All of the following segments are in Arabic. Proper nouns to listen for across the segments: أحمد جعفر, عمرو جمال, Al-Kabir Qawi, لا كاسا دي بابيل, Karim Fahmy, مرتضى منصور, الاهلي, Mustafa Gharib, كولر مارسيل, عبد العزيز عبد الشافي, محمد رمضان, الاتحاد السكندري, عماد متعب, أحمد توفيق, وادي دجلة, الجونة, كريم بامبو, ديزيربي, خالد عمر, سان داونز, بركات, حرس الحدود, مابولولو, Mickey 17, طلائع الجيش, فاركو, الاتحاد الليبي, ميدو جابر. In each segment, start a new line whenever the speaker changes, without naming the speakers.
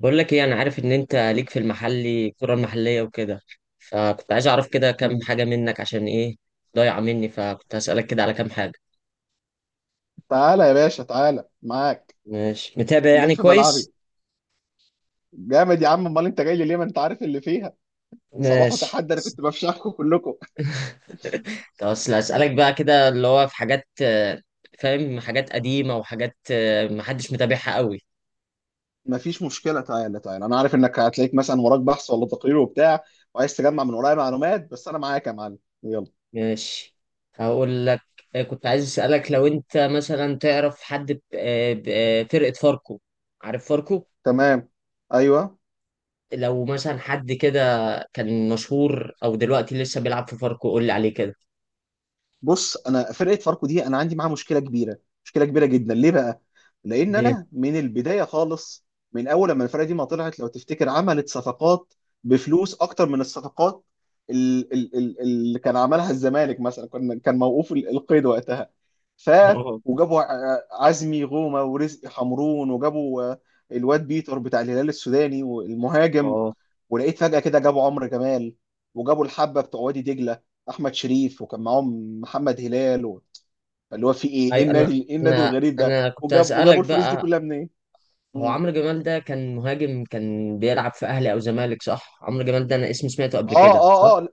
بقول لك ايه، انا عارف ان انت ليك في المحلي الكرة المحلية وكده. فكنت عايز اعرف كده كام
مم.
حاجة منك عشان ايه ضايعة مني، فكنت هسألك كده على كام حاجة.
تعالى يا باشا، تعالى معاك.
ماشي، متابع
جيت
يعني
في
كويس.
ملعبي؟ جامد يا عم، امال انت جاي لي ليه؟ ما انت عارف اللي فيها. صباح
ماشي.
وتحدي، انا كنت بفشخكم كلكم.
طب اصل هسألك بقى كده اللي هو في حاجات، فاهم، حاجات قديمة وحاجات محدش متابعها قوي.
مفيش مشكله، تعالى تعالى، انا عارف انك هتلاقيك مثلا وراك بحث ولا تقرير وبتاع، وعايز تجمع من ورايا معلومات، بس انا معاك يا معلم، يلا.
ماشي. هقول لك. كنت عايز أسألك لو انت مثلا تعرف حد فرقة فاركو. عارف فاركو؟
تمام. ايوه.
لو مثلا حد كده كان مشهور او دلوقتي لسه بيلعب في فاركو، قول لي عليه كده.
بص، انا فرقه فاركو دي انا عندي معاها مشكله كبيره، مشكله كبيره جدا. ليه بقى؟ لان
ليه؟
انا من البدايه خالص، من اول لما الفرقه دي ما طلعت لو تفتكر، عملت صفقات بفلوس اكتر من الصفقات اللي كان عملها الزمالك مثلا. كان موقوف القيد وقتها، ف
اه،
وجابوا عزمي غومه ورزق حمرون، وجابوا الواد بيتر بتاع الهلال السوداني والمهاجم.
اه.
ولقيت فجأة كده جابوا عمرو جمال، وجابوا الحبة بتوع وادي دجلة أحمد شريف، وكان معاهم محمد هلال اللي هو في إيه؟ إيه
اي،
النادي، إيه النادي
انا
الغريب ده؟
انا كنت
وجابوا
هسألك
الفلوس دي
بقى.
كلها منين؟
هو
مم.
عمرو جمال ده كان مهاجم، كان بيلعب في اهلي او زمالك صح؟ عمرو جمال ده انا اسم سمعته قبل
آه
كده صح؟
آه آه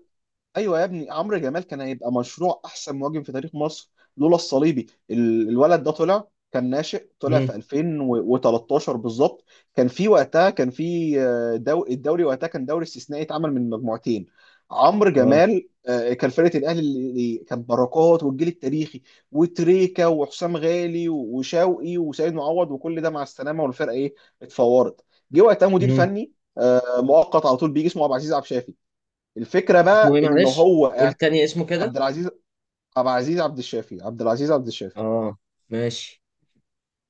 ايوه يا ابني، عمرو جمال كان هيبقى مشروع احسن مهاجم في تاريخ مصر لولا الصليبي. الولد ده طلع كان ناشئ، طلع في
امم.
2013 بالظبط. كان في وقتها كان في الدوري وقتها كان دوري استثنائي اتعمل من مجموعتين. عمرو
اه.
جمال، كان فرقه الاهلي اللي كان بركات والجيل التاريخي وتريكا وحسام غالي وشوقي وسيد معوض، وكل ده مع السلامه، والفرقه ايه، اتفورت. جه وقتها مدير
امم.
فني مؤقت على طول، بيجي اسمه عبد العزيز عبد الشافي. الفكره
اسمه
بقى
ايه
ان
معلش؟
هو
قول تاني اسمه كده.
عبد العزيز، عبد العزيز عبد الشافي، عبد العزيز عبد الشافي
اه. ماشي.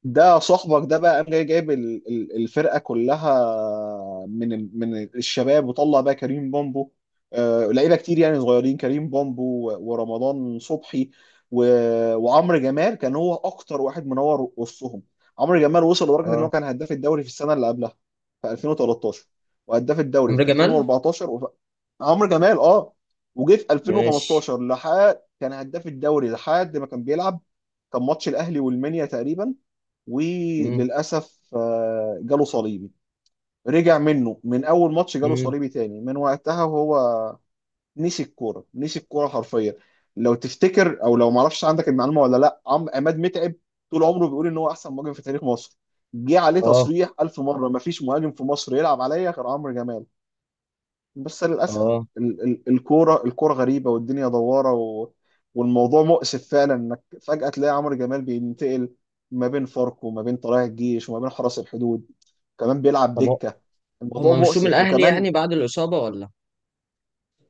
ده صاحبك ده بقى، قام جاي جايب الفرقه كلها من من الشباب. وطلع بقى كريم بامبو، لعيبه كتير يعني صغيرين، كريم بامبو ورمضان صبحي وعمرو جمال. كان هو اكتر واحد منور وسطهم. عمرو جمال وصل لدرجه ان
اه.
هو كان هداف الدوري في السنه اللي قبلها، في 2013، وهداف الدوري
عمرو
في
جمال.
2014 عمرو جمال، اه. وجه في
ماشي.
2015 لحد كان هداف الدوري، لحد ما كان بيلعب. كان ماتش الاهلي والمنيا تقريبا،
امم.
وللاسف جاله صليبي، رجع منه من اول ماتش جاله
امم.
صليبي تاني. من وقتها وهو نسي الكوره، نسي الكوره حرفيا. لو تفتكر او لو ما اعرفش عندك المعلومه ولا لا، عم عماد متعب طول عمره بيقول ان هو احسن مهاجم في تاريخ مصر. جه عليه
اه.
تصريح الف مره: ما فيش مهاجم في مصر يلعب عليا غير عمرو جمال. بس للأسف
اه.
الكورة، الكورة غريبة والدنيا دوارة والموضوع مؤسف فعلا، انك فجأة تلاقي عمرو جمال بينتقل ما بين فاركو وما بين طلائع الجيش وما بين حرس الحدود، كمان بيلعب
طب
دكة. الموضوع
هما مشوه من
مؤسف.
الاهلي
وكمان،
يعني بعد الاصابة ولا؟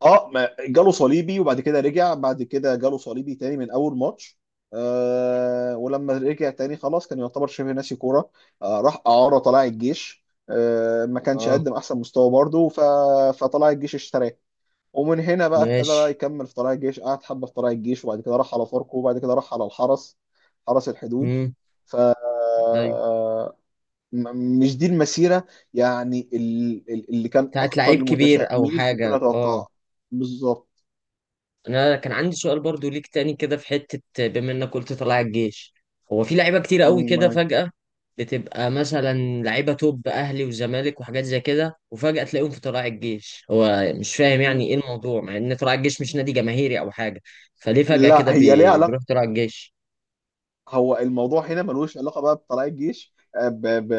اه، ما جاله صليبي، وبعد كده رجع، بعد كده جاله صليبي تاني من اول ماتش. آه، ولما رجع تاني خلاص كان يعتبر شبه ناسي كورة. آه، راح إعارة طلائع الجيش، آه، ما كانش
اه.
قدم احسن مستوى برضه، فطلائع الجيش اشتراه. ومن هنا بقى ابتدى بقى
ماشي.
يكمل في طلائع الجيش، قعد حبه في طلائع الجيش، وبعد كده راح على فاركو، وبعد كده راح على الحرس، حرس الحدود.
امم.
ف
ايوه.
مش دي المسيره يعني اللي كان
بتاعت
اكتر
لعيب كبير او
المتشائمين ممكن
حاجه، اه.
اتوقعها. بالظبط.
انا كان عندي سؤال برضو ليك تاني كده في حته. بما انك قلت طلع الجيش، هو في لعيبه كتير قوي كده
م-
فجاه بتبقى مثلا لعيبه توب اهلي وزمالك وحاجات زي كده، وفجاه تلاقيهم في طلائع الجيش. هو مش فاهم يعني ايه الموضوع، مع ان طلائع الجيش مش نادي جماهيري او حاجه. فليه فجاه كده
لا، هي ليها
بيروح
علاقه.
طلائع الجيش؟
هو الموضوع هنا ملوش علاقه بقى بطلائع الجيش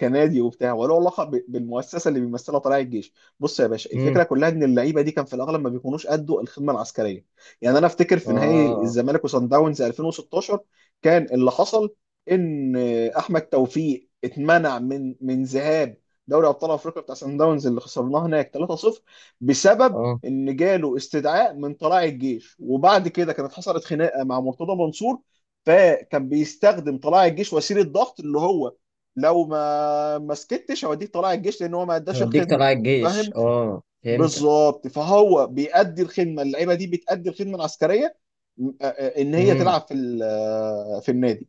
كنادي وبتاع، وله علاقه بالمؤسسه اللي بيمثلها طلائع الجيش. بص يا باشا، الفكره
امم.
كلها ان اللعيبه دي كان في الاغلب ما بيكونوش قدوا الخدمه العسكريه. يعني انا افتكر في نهائي
اه.
الزمالك وصن داونز 2016 كان اللي حصل، ان احمد توفيق اتمنع من ذهاب دوري ابطال افريقيا بتاع سان داونز، اللي خسرناه هناك 3-0، بسبب
اه
ان جاله استدعاء من طلائع الجيش. وبعد كده كانت حصلت خناقه مع مرتضى منصور، فكان بيستخدم طلائع الجيش وسيله ضغط، اللي هو لو ما سكتش هوديك طلائع الجيش، لان هو ما اداش
هديك
الخدمه.
طلائع الجيش،
فاهم؟
اه فهمتك.
بالظبط. فهو بيأدي الخدمه، اللعيبه دي بتأدي الخدمه العسكريه ان هي تلعب في في النادي،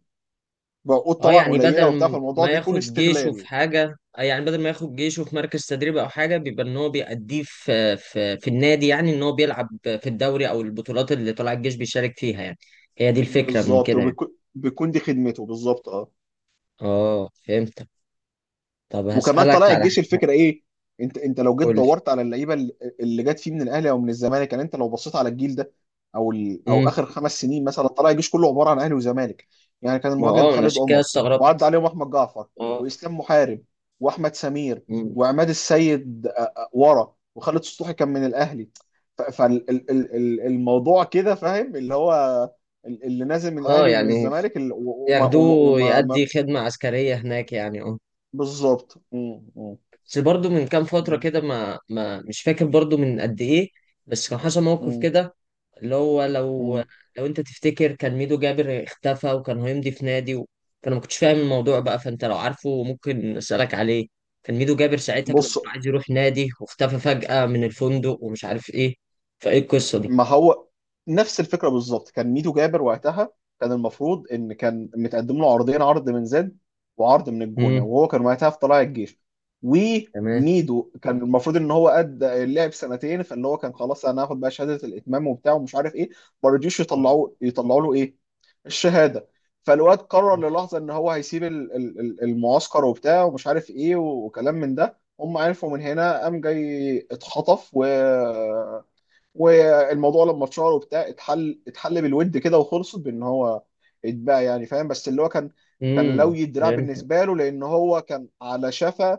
بقول
اه،
طبعا
يعني
قليله وبتاع،
بدل
فالموضوع
ما
بيكون
ياخد جيشه
استغلال.
في حاجة، يعني بدل ما ياخد جيشه في مركز تدريب او حاجة، بيبقى ان هو بيأديه في النادي، يعني ان هو بيلعب في الدوري او البطولات اللي طلع الجيش بيشارك فيها يعني. هي دي الفكرة من
بالظبط،
كده يعني.
وبيكون، دي خدمته بالظبط، اه.
اه فهمتك. طب
وكمان
هسألك
طلائع
على
الجيش، الفكره ايه؟ انت لو جيت
كل.
دورت على اللعيبه اللي جت فيه من الاهلي او من الزمالك، يعني انت لو بصيت على الجيل ده، او
امم.
اخر 5 سنين مثلا، طلائع الجيش كله عباره عن اهلي وزمالك. يعني كان
ما
المهاجم
اه، انا
خالد
عشان كده
عمر، وعدى
استغربت.
عليهم احمد جعفر
اه.
واسلام محارب واحمد سمير
مم.
وعماد السيد، ورا، وخالد سطوحي كان من الاهلي. فالموضوع كده فاهم، اللي هو اللي نازل من
اه،
الاهلي ومن
يعني
الزمالك ال- وما وما
ياخدوه
وما ما-
يأدي خدمة عسكرية هناك يعني، اه.
بالظبط. مم، مم،
بس برضه من كام فترة
مم.
كده، ما ما مش فاكر برضه من قد ايه. بس كان حصل موقف
مم.
كده اللي هو، لو
مم.
انت تفتكر كان ميدو جابر اختفى وكان هيمضي في نادي و... فانا ما كنتش فاهم الموضوع بقى، فانت لو عارفه ممكن اسالك عليه. كان ميدو جابر ساعتها كان
بص،
بيقول عايز يروح نادي، واختفى فجأة من الفندق ومش عارف ايه. فايه القصة دي؟
ما هو نفس الفكره بالظبط. كان ميدو جابر وقتها كان المفروض ان كان متقدم له عرضين، عرض من زد وعرض من الجونه،
امم.
وهو كان وقتها في طلائع الجيش.
تمام.
وميدو كان المفروض ان هو ادى اللعب 2 سنين، فاللي هو كان خلاص، انا هاخد بقى شهاده الاتمام وبتاع ومش عارف ايه. ما رضيوش
تمام.
يطلعوا، يطلعوا له ايه، الشهاده. فالواد قرر
ماشي.
للحظه ان هو هيسيب المعسكر وبتاع ومش عارف ايه وكلام من ده. هم عرفوا من هنا، قام جاي اتخطف. و والموضوع لما اتشهر وبتاع، اتحل، بالود كده، وخلصت بان هو اتباع يعني. فاهم؟ بس اللي هو كان،
امم.
لوي الدراع
فهمت.
بالنسبه له، لان هو كان على شفا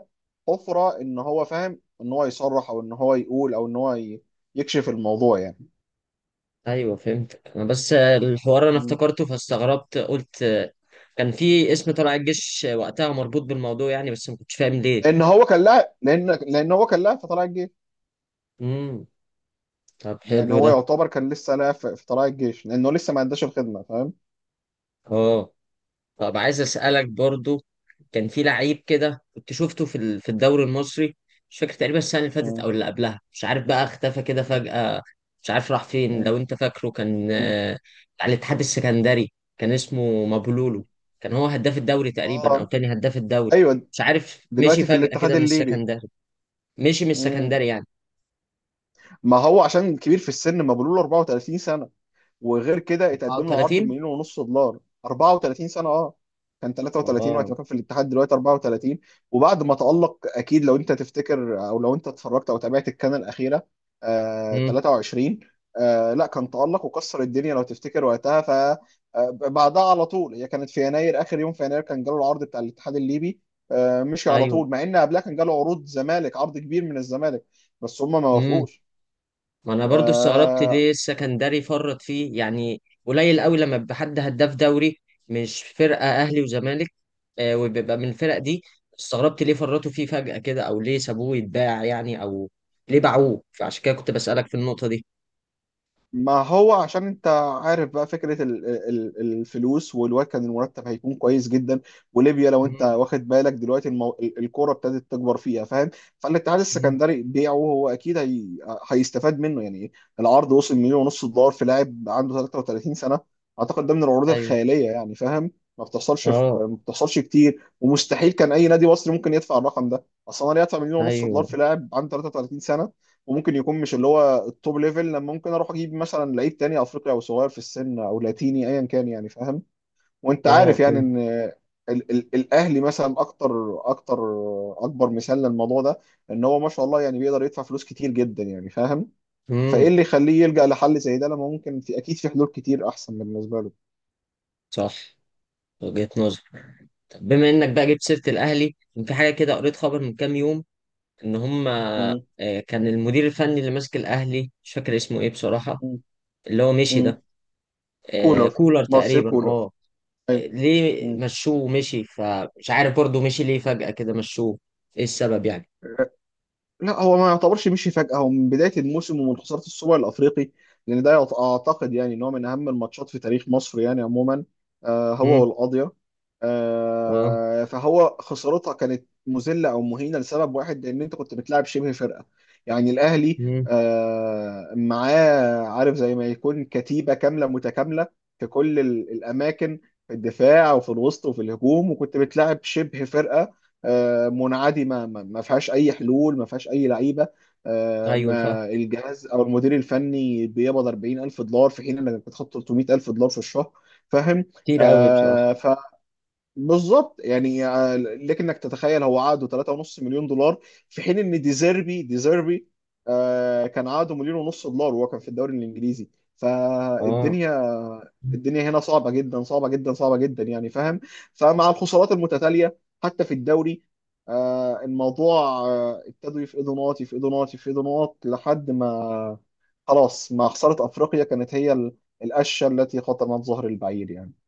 حفره، ان هو فاهم ان هو يصرح، او ان هو يقول، او ان هو يكشف الموضوع يعني.
ايوه فهمت، انا بس الحوار انا
م.
افتكرته فاستغربت، قلت كان في اسم طلع الجيش وقتها مربوط بالموضوع يعني، بس ما كنتش فاهم ليه.
لان هو كان لاعب، لان هو كان لاعب في طلائع الجيش.
امم. طب
يعني
حلو
هو
ده.
يعتبر كان لسه لاعب في طلائع الجيش، لانه لسه ما عندهاش الخدمه. فاهم؟
اه. طب عايز اسالك برضو. كان في لعيب كده كنت شفته في الدوري المصري. مش فاكر تقريبا، السنه اللي فاتت
م.
او اللي قبلها مش عارف بقى، اختفى كده فجاه. مش عارف راح فين،
م.
لو انت فاكره، كان
م.
على الاتحاد السكندري، كان اسمه
م.
مابولولو. كان هو هداف الدوري تقريبا او
اه،
تاني هداف الدوري.
ايوه،
مش عارف، مشي
دلوقتي في
فجاه
الاتحاد
كده من
الليبي.
السكندري. مشي من السكندري يعني.
ما هو عشان كبير في السن، ما بيقولوا له 34 سنة، وغير كده اتقدم له عرض
34.
بمليون ونص دولار. 34 سنة، اه، كان 33 وقت
اه.
ما كان في الاتحاد، دلوقتي 34. وبعد ما تألق، اكيد لو انت تفتكر او لو انت اتفرجت او تابعت الكان الأخيرة، آه،
امم.
23، آه، لا، كان تألق وكسر الدنيا لو تفتكر وقتها. آه، بعدها على طول، هي كانت في يناير، اخر يوم في يناير كان جاله العرض بتاع الاتحاد الليبي. آه، مشي على طول، مع ان قبلها كان جاله عروض زمالك، عرض كبير من الزمالك، بس هم ما
ايوه.
وافقوش.
ما انا برضو استغربت
آه.
ليه السكندري فرط فيه، يعني قليل قوي لما بيبقى حد هداف دوري، مش فرقه اهلي وزمالك. وبيبقى من الفرق دي. استغربت ليه فرطوا فيه فجأة كده، او ليه سابوه يتباع يعني، او ليه باعوه. فعشان كده كنت بسألك في النقطه دي.
ما هو عشان انت عارف بقى فكرة الفلوس، والواد كان المرتب هيكون كويس جدا. وليبيا لو انت
مم.
واخد بالك دلوقتي، الكورة ابتدت تكبر فيها. فاهم؟ فالاتحاد
مم.
السكندري بيعه هو اكيد هيستفاد منه يعني. العرض وصل 1.5 مليون دولار في لاعب عنده 33 سنة، اعتقد ده من العروض
ايوه.
الخيالية يعني. فاهم؟ ما بتحصلش
اه.
ما بتحصلش كتير. ومستحيل كان اي نادي مصري ممكن يدفع الرقم ده اصلا، يدفع 1.5 مليون دولار
ايوه.
في لاعب عنده 33 سنة، وممكن يكون مش اللي هو التوب ليفل، لما ممكن اروح اجيب مثلا لعيب تاني افريقي، او صغير في السن، او لاتيني ايا كان يعني. فاهم؟ وانت
اه
عارف يعني
فهمت.
ان ال ال الاهلي مثلا اكتر اكتر اكبر مثال للموضوع ده، ان هو ما شاء الله يعني بيقدر يدفع فلوس كتير جدا يعني. فاهم؟ فايه
امم.
اللي يخليه يلجأ لحل زي ده، لما ممكن في اكيد في حلول كتير احسن بالنسبه له.
صح. وجهة نظر. طب بما انك بقى جبت سيرة الاهلي، كان في حاجة كده قريت خبر من كام يوم. ان هم
مم.
كان المدير الفني اللي ماسك الاهلي، مش فاكر اسمه ايه بصراحه.
مم.
اللي هو مشي
مم.
ده.
كولر،
كولر
مارسيل
تقريبا،
كولر،
اه.
ايوه.
ليه
مم.
مشوه ومشي، فمش عارف برضه مشي ليه فجاه كده مشوه. ايه السبب يعني؟
لا، هو ما يعتبرش مشي فجأة، هو من بداية الموسم ومن خسارة السوبر الأفريقي. لأن ده أعتقد يعني إن هو من أهم الماتشات في تاريخ مصر يعني عموما، هو
امم.
والقاضية.
اه.
فهو خسارتها كانت مذلة أو مهينة لسبب واحد، لأن أنت كنت بتلعب شبه فرقة، يعني الأهلي
امم.
معاه، عارف، زي ما يكون كتيبة كاملة متكاملة في كل الأماكن، في الدفاع وفي الوسط وفي الهجوم. وكنت بتلعب شبه فرقة منعدمه، ما فيهاش اي حلول، ما فيهاش اي لعيبه،
ايوه.
ما الجهاز او المدير الفني بيقبض $40,000 في حين انك بتاخد $300,000 في الشهر. فاهم؟
كتير قوي بصراحه.
بالظبط يعني. لكنك تتخيل هو عقده 3.5 مليون دولار، في حين ان ديزيربي، كان عقده 1.5 مليون دولار وهو كان في الدوري الانجليزي.
اه.
فالدنيا الدنيا هنا صعبه جدا، صعبه جدا، صعبه جدا يعني. فاهم؟ فمع الخسارات المتتاليه حتى في الدوري، آه، الموضوع آه، ابتدوا يفقدوا نقاط، يفقدوا نقاط، يفقدوا نقاط، لحد ما خلاص مع خساره افريقيا كانت هي القشه التي خطمت ظهر البعير يعني.